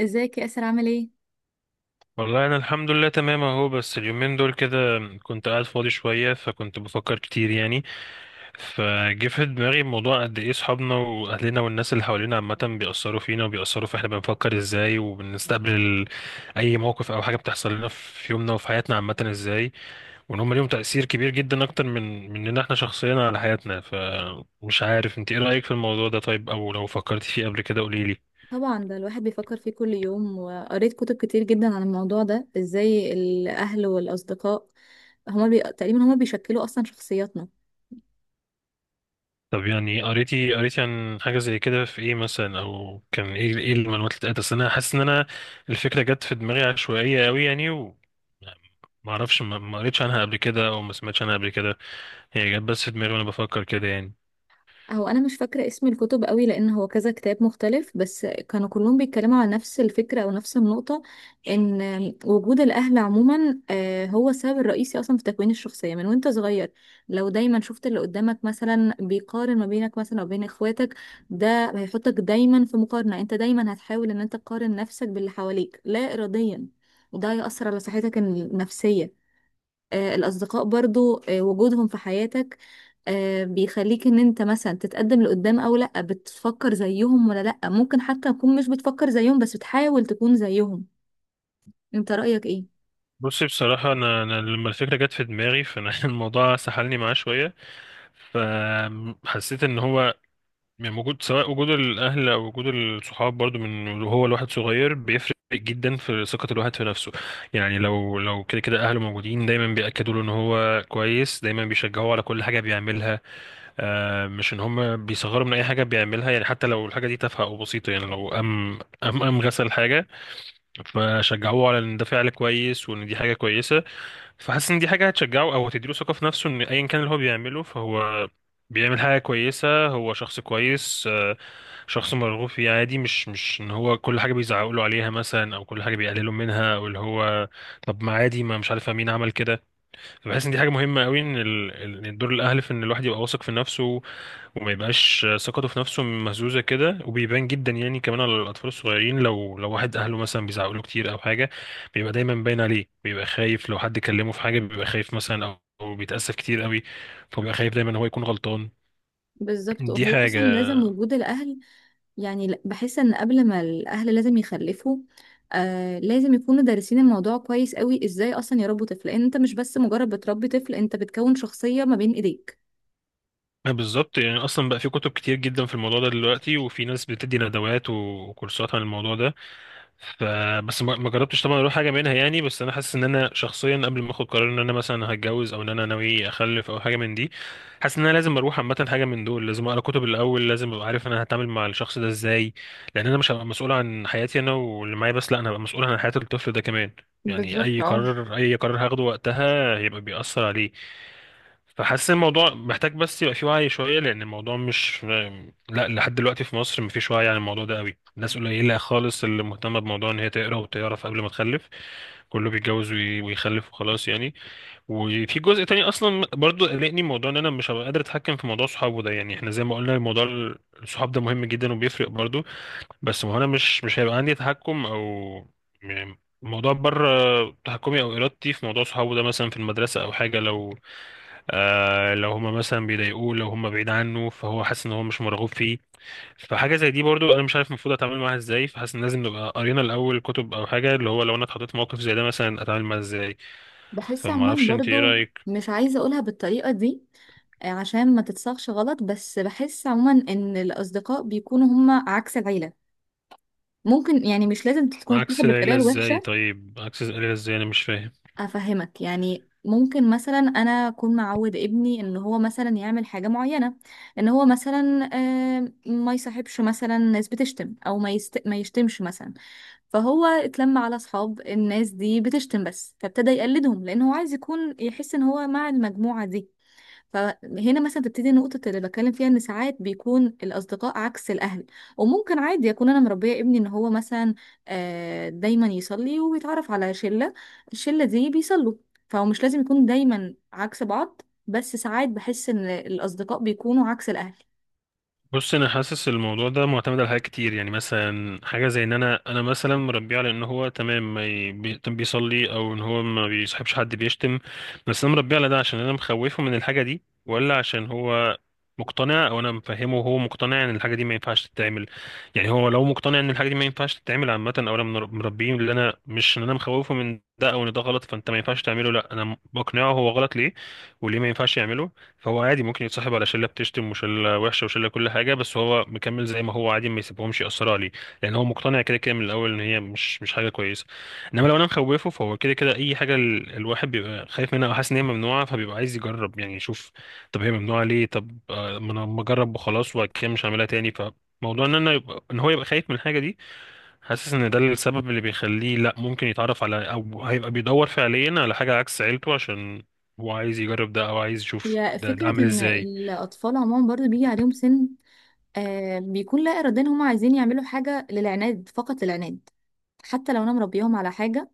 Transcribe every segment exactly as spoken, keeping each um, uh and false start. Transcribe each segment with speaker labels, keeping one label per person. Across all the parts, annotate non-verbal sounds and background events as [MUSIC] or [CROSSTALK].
Speaker 1: ازيك يا اسر، عامل ايه؟
Speaker 2: والله انا الحمد لله تمام اهو. بس اليومين دول كده كنت قاعد فاضي شويه فكنت بفكر كتير يعني. فجه في دماغي موضوع، قد ايه صحابنا واهلنا والناس اللي حوالينا عامه بيأثروا فينا، وبيأثروا في احنا بنفكر ازاي، وبنستقبل ال- اي موقف او حاجه بتحصل لنا في يومنا وفي حياتنا عامه ازاي، وان هم ليهم تأثير كبير جدا اكتر من مننا احنا شخصيا على حياتنا. فمش عارف انت ايه رأيك في الموضوع ده، طيب؟ او لو فكرت فيه قبل كده قوليلي.
Speaker 1: طبعا، ده الواحد بيفكر فيه كل يوم، وقريت كتب كتير جدا عن الموضوع ده. ازاي الاهل والاصدقاء هما بي... تقريبا هما بيشكلوا اصلا شخصياتنا.
Speaker 2: طب يعني قريتي قريتي عن حاجة زي كده في ايه مثلا، او كان ايه ايه المعلومات اللي اتقالت؟ اصل انا حاسس ان انا الفكرة جت في دماغي عشوائية قوي يعني، و ما اعرفش، ما ما قريتش عنها قبل كده او ما سمعتش عنها قبل كده. هي جت بس في دماغي وانا بفكر كده يعني.
Speaker 1: هو انا مش فاكره اسم الكتب قوي، لان هو كذا كتاب مختلف، بس كانوا كلهم بيتكلموا على نفس الفكره او نفس النقطه. ان وجود الاهل عموما آه، هو السبب الرئيسي اصلا في تكوين الشخصيه من وانت صغير. لو دايما شفت اللي قدامك مثلا بيقارن ما بينك مثلا او بين اخواتك، ده هيحطك دايما في مقارنه، انت دايما هتحاول ان انت تقارن نفسك باللي حواليك لا اراديا، وده هيأثر على صحتك النفسيه. آه، الأصدقاء برضو، آه، وجودهم في حياتك آه، بيخليك ان انت مثلا تتقدم لقدام، او لأ بتفكر زيهم، ولا لأ ممكن حتى تكون مش بتفكر زيهم بس بتحاول تكون زيهم. انت رأيك ايه؟
Speaker 2: بصي بصراحة، أنا, أنا لما الفكرة جت في دماغي فأنا [LAUGHS] الموضوع سحلني معاه شوية. فحسيت إن هو يعني وجود، سواء وجود الأهل أو وجود الصحاب برضو، من هو الواحد صغير بيفرق جدا في ثقة الواحد في نفسه. يعني لو لو كده كده أهله موجودين دايما بيأكدوا له إن هو كويس، دايما بيشجعوه على كل حاجة بيعملها. آه، مش إن هم بيصغروا من أي حاجة بيعملها. يعني حتى لو الحاجة دي تافهة أو بسيطة، يعني لو قام قام قام غسل حاجة فشجعوه على إن ده فعل كويس وإن دي حاجة كويسة. فحاسس ان دي حاجه هتشجعه او هتديله ثقه في نفسه ان ايا كان اللي هو بيعمله فهو بيعمل حاجه كويسه، هو شخص كويس، آه، شخص مرغوب فيه عادي. مش مش ان هو كل حاجه بيزعقوا له عليها مثلا، او كل حاجه بيقللوا منها، او اللي هو طب ما عادي، ما مش عارف مين عمل كده. بحس ان دي حاجه مهمه قوي، ان ال- ال- إن دور الاهل في ان الواحد يبقى واثق في نفسه، وما يبقاش ثقته في نفسه مهزوزه كده. وبيبان جدا يعني كمان على الاطفال الصغيرين، لو لو واحد اهله مثلا بيزعقوا له كتير او حاجه بيبقى دايما باين عليه، بيبقى خايف لو حد كلمه في حاجه، بيبقى خايف مثلا، او أو بيتأسف كتير قوي، فبيبقى خايف دايما هو يكون غلطان.
Speaker 1: بالظبط،
Speaker 2: دي
Speaker 1: هو اصلا
Speaker 2: حاجه.
Speaker 1: لازم وجود الاهل، يعني ل- بحس ان قبل ما الاهل لازم يخلفوا، آه لازم يكونوا دارسين الموضوع كويس قوي ازاي اصلا يربوا طفل، لان انت مش بس مجرد بتربي طفل، انت بتكون شخصية ما بين ايديك.
Speaker 2: بالظبط، يعني اصلا بقى في كتب كتير جدا في الموضوع ده دلوقتي، وفي ناس بتدي ندوات وكورسات عن الموضوع ده. ف بس ما ما جربتش طبعا اروح حاجه منها يعني. بس انا حاسس ان انا شخصيا قبل ما اخد قرار ان انا مثلا هتجوز او ان انا ناوي اخلف او حاجه من دي، حاسس ان انا لازم اروح عامه حاجه من دول، لازم اقرا كتب الاول، لازم ابقى عارف انا هتعامل مع الشخص ده ازاي، لان انا مش هبقى مسؤول عن حياتي انا واللي معايا بس، لا انا هبقى مسؤول عن حياه الطفل ده كمان. يعني
Speaker 1: بالظبط
Speaker 2: اي
Speaker 1: اه.
Speaker 2: قرار، اي قرار هاخده وقتها هيبقى بيأثر عليه. فحاسس الموضوع محتاج بس يبقى فيه وعي شوية، لأن الموضوع مش لا. لحد دلوقتي في مصر مفيش وعي عن الموضوع ده قوي، الناس قليلة خالص اللي مهتمة بموضوع إن هي تقرا وتعرف قبل ما تخلف. كله بيتجوز وي- ويخلف وخلاص يعني. وفي جزء تاني أصلا برضو قلقني، موضوع إن أنا مش هبقى قادر أتحكم في موضوع صحابه ده. يعني إحنا زي ما قلنا، الموضوع الصحاب ده مهم جدا وبيفرق برضو. بس ما هو انا مش مش هيبقى عندي تحكم، او يعني الموضوع بره تحكمي او ارادتي، في موضوع صحابه ده مثلا في المدرسه او حاجه. لو آه، لو هما مثلا بيضايقوه، لو هما بعيد عنه فهو حاسس ان هو مش مرغوب فيه. فحاجه زي دي برضو انا مش عارف المفروض اتعامل معاها ازاي. فحاسس ان لازم نبقى قرينا الاول كتب او حاجه، اللي هو لو انا اتحطيت في موقف زي ده مثلا اتعامل معاه ازاي.
Speaker 1: بحس
Speaker 2: فما اعرفش
Speaker 1: عموما
Speaker 2: انت ايه
Speaker 1: برضو،
Speaker 2: رايك.
Speaker 1: مش عايزة أقولها بالطريقة دي، آه، عشان ما تتصاغش غلط، بس بحس عموما إن الأصدقاء بيكونوا هما عكس العيلة. ممكن يعني مش لازم تكون تاخد
Speaker 2: عكس
Speaker 1: بالطريقة
Speaker 2: العيله ازاي؟
Speaker 1: الوحشة.
Speaker 2: طيب عكس العيله ازاي؟ انا مش فاهم.
Speaker 1: أفهمك، يعني ممكن مثلا أنا أكون معود ابني إن هو مثلا يعمل حاجة معينة، إن هو مثلا آه، ما يصاحبش مثلا ناس بتشتم، أو ما, يست... ما يشتمش مثلا. فهو اتلم على اصحاب الناس دي بتشتم، بس فابتدى يقلدهم لان هو عايز يكون يحس ان هو مع المجموعة دي. فهنا مثلا تبتدي النقطة اللي بتكلم فيها، ان ساعات بيكون الاصدقاء عكس الاهل. وممكن عادي اكون انا مربية ابني ان هو مثلا آه، دايما يصلي ويتعرف على شلة، الشلة دي بيصلوا، فهو مش لازم يكون دايما عكس بعض، بس ساعات بحس ان الاصدقاء بيكونوا عكس الاهل.
Speaker 2: بص انا حاسس الموضوع ده معتمد على حاجات كتير. يعني مثلا حاجه زي ان انا انا مثلا مربيه على ان هو تمام ما ي- بي- بيصلي، او ان هو ما بيصاحبش حد بيشتم. بس انا مربيه على ده عشان انا مخوفه من الحاجه دي، ولا عشان هو مقتنع، او انا مفهمه وهو مقتنع ان الحاجه دي ما ينفعش تتعمل؟ يعني هو لو مقتنع ان الحاجه دي ما ينفعش تتعمل عامه، او انا منر- مربيه اللي انا مش ان انا مخوفه من ده او ان ده غلط فانت ما ينفعش تعمله، لا انا بقنعه هو غلط ليه وليه ما ينفعش يعمله، فهو عادي ممكن يتصاحب على شله بتشتم وشله وحشه وشله كل حاجه، بس هو مكمل زي ما هو عادي، ما يسيبهمش ياثروا عليه، لان هو مقتنع كده كده من الاول ان هي مش مش حاجه كويسه. انما لو انا مخوفه فهو كده كده اي حاجه ال- الواحد بيبقى خايف منها او حاسس ان هي ممنوعه، فبيبقى عايز يجرب يعني يشوف. طب هي ممنوعه ليه؟ طب آه، ما انا ما اجرب وخلاص، وبعد كده مش هعملها تاني. فموضوع ان انا يبقى ان هو يبقى خايف من الحاجه دي، حاسس ان ده السبب اللي بيخليه لا ممكن يتعرف على، او هيبقى بيدور فعليا على حاجة عكس عيلته عشان هو عايز يجرب ده، او عايز يشوف
Speaker 1: هي
Speaker 2: ده ده
Speaker 1: فكرة
Speaker 2: عامل
Speaker 1: ان
Speaker 2: ازاي.
Speaker 1: الاطفال عموما برضو بيجي عليهم سن آه بيكون لا إراديا هم عايزين يعملوا حاجة للعناد، فقط للعناد، حتى لو أنا مربيهم على حاجة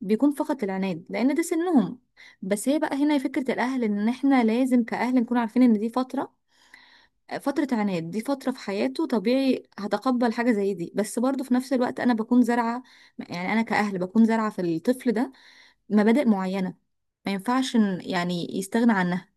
Speaker 1: بيكون فقط العناد لأن ده سنهم. بس هي بقى هنا فكرة الأهل، إن إحنا لازم كأهل نكون عارفين إن دي فترة، آه، فترة عناد، دي فترة في حياته طبيعي، هتقبل حاجة زي دي، بس برضه في نفس الوقت أنا بكون زارعة، يعني أنا كأهل بكون زارعة في الطفل ده مبادئ معينة، ما ينفعش إن- يعني يستغنى عنها.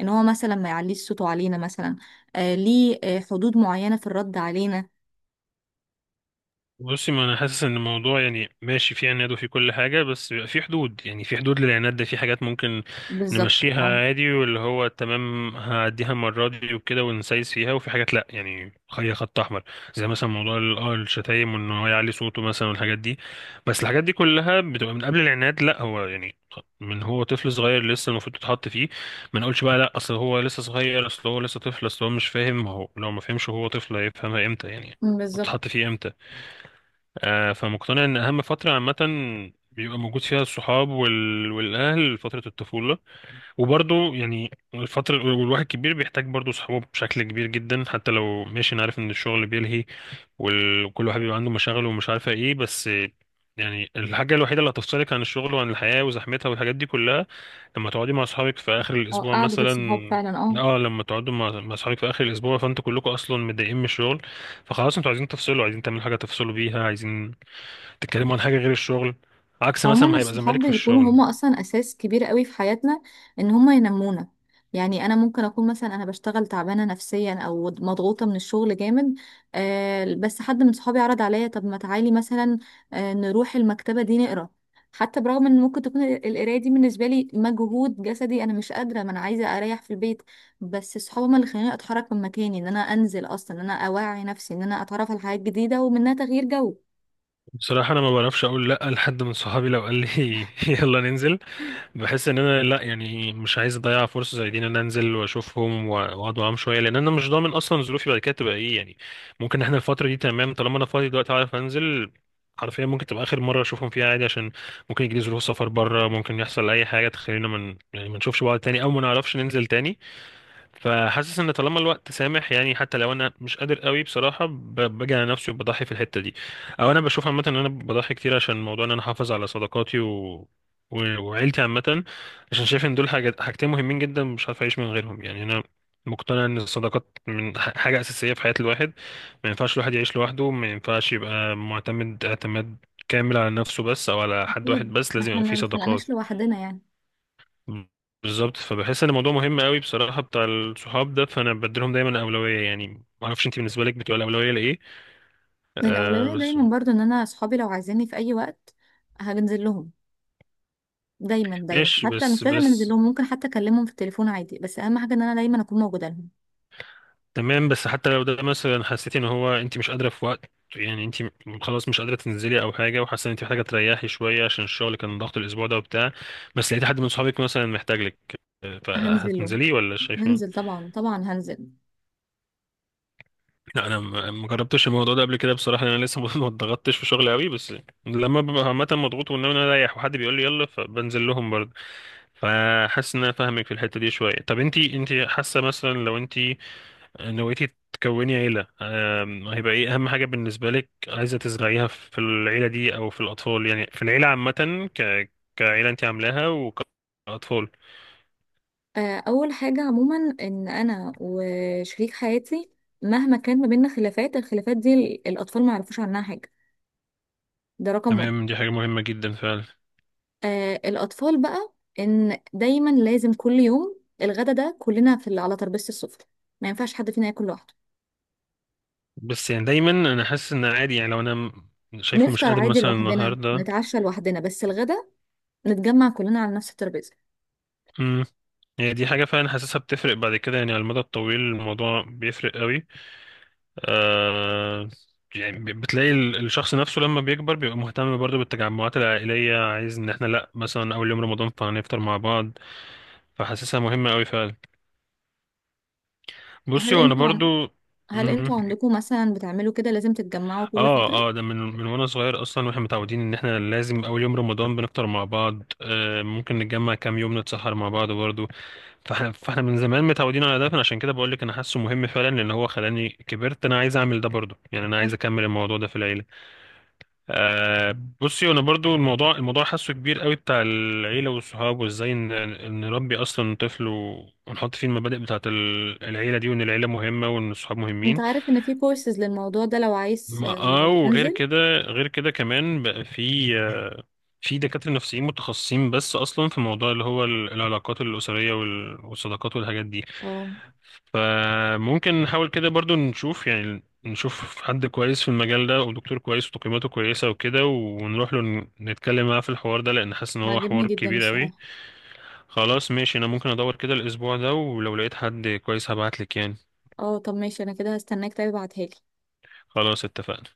Speaker 1: ان هو مثلا ما يعليش صوته علينا مثلا، آه ليه آه حدود معينة في الرد علينا.
Speaker 2: بصي، ما انا حاسس ان الموضوع يعني ماشي، في عناد وفي كل حاجه، بس بيبقى في حدود. يعني في حدود للعناد ده، في حاجات ممكن
Speaker 1: بالظبط
Speaker 2: نمشيها
Speaker 1: اه.
Speaker 2: عادي واللي هو تمام هعديها المره دي وكده ونسايس فيها، وفي حاجات لا، يعني خليها خط احمر، زي مثلا موضوع ال- اه الشتايم وان هو يعلي صوته مثلا والحاجات دي. بس الحاجات دي كلها بتبقى من قبل العناد لا، هو يعني من هو طفل صغير لسه المفروض تتحط فيه. ما نقولش بقى لا اصل هو لسه صغير، اصل هو لسه طفل، اصل هو مش فاهم. ما هو لو ما فهمش هو طفل، هيفهمها امتى يعني؟
Speaker 1: أمم، بالظبط.
Speaker 2: تتحط فيه امتى؟ آه، فمقتنع ان اهم فتره عامه بيبقى موجود فيها الصحاب وال... والاهل فتره الطفوله. وبرضه يعني الفتره والواحد كبير بيحتاج برضه صحابه بشكل كبير جدا. حتى لو ماشي، انا عارف ان الشغل بيلهي، وال- وكل واحد بيبقى عنده مشاغل ومش عارفه ايه، بس يعني الحاجه الوحيده اللي هتفصلك عن الشغل وعن الحياه وزحمتها والحاجات دي كلها لما تقعدي مع اصحابك في اخر
Speaker 1: اه،
Speaker 2: الاسبوع
Speaker 1: قعدة الصحاب
Speaker 2: مثلا.
Speaker 1: فعلا، اه.
Speaker 2: اه، لما تقعدوا مع مع اصحابك في اخر الاسبوع، فانتوا كلكم اصلا متضايقين من الشغل، فخلاص انتوا عايزين تفصلوا، عايزين تعملوا حاجه تفصلوا بيها، عايزين تتكلموا عن حاجه غير الشغل. عكس مثلا
Speaker 1: عموما،
Speaker 2: ما هيبقى
Speaker 1: الصحاب
Speaker 2: زمالك في
Speaker 1: بيكونوا
Speaker 2: الشغل.
Speaker 1: هما اصلا اساس كبير قوي في حياتنا، ان هما ينمونا. يعني انا ممكن اكون مثلا انا بشتغل تعبانه نفسيا او مضغوطه من الشغل جامد، آه بس حد من صحابي عرض عليا، طب ما تعالي مثلا آه نروح المكتبه دي نقرا. حتى برغم ان ممكن تكون ال- القرايه دي بالنسبه لي مجهود جسدي، انا مش قادره، ما انا عايزه اريح في البيت، بس صحابي هما اللي خلاني اتحرك من مكاني، ان انا انزل اصلا، ان انا اوعي نفسي، ان انا اتعرف على حاجات جديده، ومنها تغيير جو.
Speaker 2: بصراحه انا ما بعرفش اقول لا لحد من صحابي لو قال لي [LAUGHS] يلا ننزل. بحس ان انا لا، يعني مش عايز اضيع فرصه زي دي، ان انا انزل واشوفهم واقعد معاهم شويه، لان انا مش ضامن اصلا ظروفي بعد كده تبقى ايه يعني. ممكن احنا الفتره دي تمام طالما انا فاضي دلوقتي عارف انزل، حرفيا ممكن تبقى اخر مره اشوفهم فيها عادي، عشان ممكن يجي لي ظروف سفر بره، ممكن يحصل اي حاجه تخلينا من يعني ما نشوفش بعض تاني او ما نعرفش ننزل تاني. فحاسس ان طالما الوقت سامح، يعني حتى لو انا مش قادر قوي بصراحه، ب- باجي على نفسي وبضحي في الحته دي. او انا بشوف عامه ان انا بضحي كتير عشان موضوع ان انا احافظ على صداقاتي و... و- وعيلتي عامه، عشان شايف ان دول حاجات، حاجتين مهمين جدا مش عارف اعيش من غيرهم يعني. انا مقتنع ان الصداقات من ح- حاجه اساسيه في حياه الواحد. ما ينفعش الواحد يعيش لوحده، ما ينفعش يبقى معتمد اعتماد كامل على نفسه بس، او على حد واحد
Speaker 1: أكيد،
Speaker 2: بس.
Speaker 1: ما
Speaker 2: لازم
Speaker 1: احنا
Speaker 2: يبقى
Speaker 1: ما
Speaker 2: فيه
Speaker 1: بنخلقناش
Speaker 2: صداقات.
Speaker 1: لوحدنا يعني.
Speaker 2: بالظبط. فبحس ان الموضوع مهم قوي بصراحه بتاع الصحاب ده، فانا بديلهم دايما اولويه يعني. ما اعرفش انت بالنسبه لك بتبقى الاولويه لايه؟ آه
Speaker 1: الأولوية
Speaker 2: بس.
Speaker 1: دايما برضو إن أنا أصحابي لو عايزيني في أي وقت هنزل لهم، دايما دايما،
Speaker 2: ماشي،
Speaker 1: حتى مش
Speaker 2: بس
Speaker 1: لازم أنزل
Speaker 2: بس
Speaker 1: لهم، ممكن حتى أكلمهم في التليفون عادي، بس أهم حاجة إن أنا دايما أكون موجودة لهم.
Speaker 2: تمام. بس حتى لو ده مثلا حسيتي ان هو انت مش قادره في وقت، يعني انت خلاص مش قادره تنزلي او حاجه، وحاسه ان انت محتاجه تريحي شويه عشان الشغل كان ضغط الاسبوع ده وبتاع، بس لقيتي حد من صحابك مثلا محتاج لك، آه،
Speaker 1: هنزل لهم،
Speaker 2: فهتنزلي ولا شايفه؟
Speaker 1: هنزل طبعا، طبعا هنزل.
Speaker 2: لا انا ما ما جربتش الموضوع ده قبل كده بصراحه، لأن انا لسه [LAUGHS] ما اتضغطتش في شغلي قوي. بس لما ببقى عامه مضغوط وان انا رايح وحد بيقول لي يلا، فبنزل لهم برضه. فحاسس ان انا فاهمك في الحته دي شويه. طب انتي انتي حاسه مثلا لو انتي نويتي تكوني عيله، أم، هيبقى ايه اهم حاجه بالنسبه لك عايزه تزرعيها في العيله دي او في الاطفال، يعني في العيله عامه ك كعيله انتي عاملاها، وكاطفال؟
Speaker 1: آه، أول حاجة عموما إن أنا وشريك حياتي مهما كان ما بيننا خلافات، الخلافات دي ال- الأطفال ما يعرفوش عنها حاجة، ده رقم واحد.
Speaker 2: تمام، دي حاجه مهمه جدا فعلا.
Speaker 1: آه، الأطفال بقى، إن دايما لازم كل يوم الغدا ده كلنا في على ترابيزة السفرة، ما ينفعش حد فينا ياكل لوحده.
Speaker 2: بس يعني دايما انا حاسس ان عادي، يعني لو انا م- شايفه مش
Speaker 1: نفطر
Speaker 2: قادر
Speaker 1: عادي
Speaker 2: مثلا
Speaker 1: لوحدنا،
Speaker 2: النهارده.
Speaker 1: نتعشى لوحدنا، بس الغدا نتجمع كلنا على نفس الترابيزة.
Speaker 2: امم يعني دي حاجه فعلا حاسسها بتفرق بعد كده، يعني على المدى الطويل الموضوع بيفرق قوي. آه يعني ب- بتلاقي ال- الشخص نفسه لما بيكبر بيبقى مهتم برضه بالتجمعات العائليه، عايز ان احنا لا مثلا اول يوم رمضان فهنفطر مع بعض. فحاسسها مهمه قوي فعلا. بصي،
Speaker 1: هل
Speaker 2: وانا
Speaker 1: انتوا عن...
Speaker 2: برضو.
Speaker 1: هل انتوا عندكم مثلا بتعملوا كده، لازم تتجمعوا كل فترة؟
Speaker 2: اه اه، ده من من وانا صغير اصلا، واحنا متعودين ان احنا لازم اول يوم رمضان بنفطر مع بعض، آه ممكن نتجمع كام يوم نتسحر مع بعض برضه. فاحنا فاحنا من زمان متعودين على ده. فانا عشان كده بقول لك انا حاسه مهم فعلا، لان هو خلاني كبرت انا عايز اعمل ده برضه، يعني انا
Speaker 1: اه.
Speaker 2: عايز اكمل الموضوع ده في العيله. آه بصي انا برضه الموضوع الموضوع حاسه كبير قوي بتاع العيله والصحاب وازاي ن- نربي اصلا طفل، ونحط فيه المبادئ بتاعه ال- العيله دي، وان العيله مهمه وان الصحاب
Speaker 1: انت
Speaker 2: مهمين.
Speaker 1: عارف ان في كورسز للموضوع ده لو عايز
Speaker 2: ما اه،
Speaker 1: آه،
Speaker 2: وغير
Speaker 1: تنزل.
Speaker 2: كده غير كده كمان بقى في آه، في دكاترة نفسيين متخصصين بس أصلا في موضوع اللي هو ال- العلاقات الأسرية وال- والصداقات والحاجات دي.
Speaker 1: اه،
Speaker 2: فممكن نحاول كده برضو نشوف، يعني نشوف حد كويس في المجال ده، ودكتور كويس وتقييماته كويسة وكده، ونروح له ن- نتكلم معاه في الحوار ده، لأن حاسس إن هو
Speaker 1: عاجبني
Speaker 2: حوار
Speaker 1: جدا
Speaker 2: كبير أوي.
Speaker 1: الصراحة.
Speaker 2: خلاص ماشي، أنا ممكن أدور كده الأسبوع ده، ولو لقيت حد كويس هبعتلك يعني.
Speaker 1: اه، طب ماشي، انا كده هستناك، طيب ابعتها لي.
Speaker 2: خلاص اتفقنا.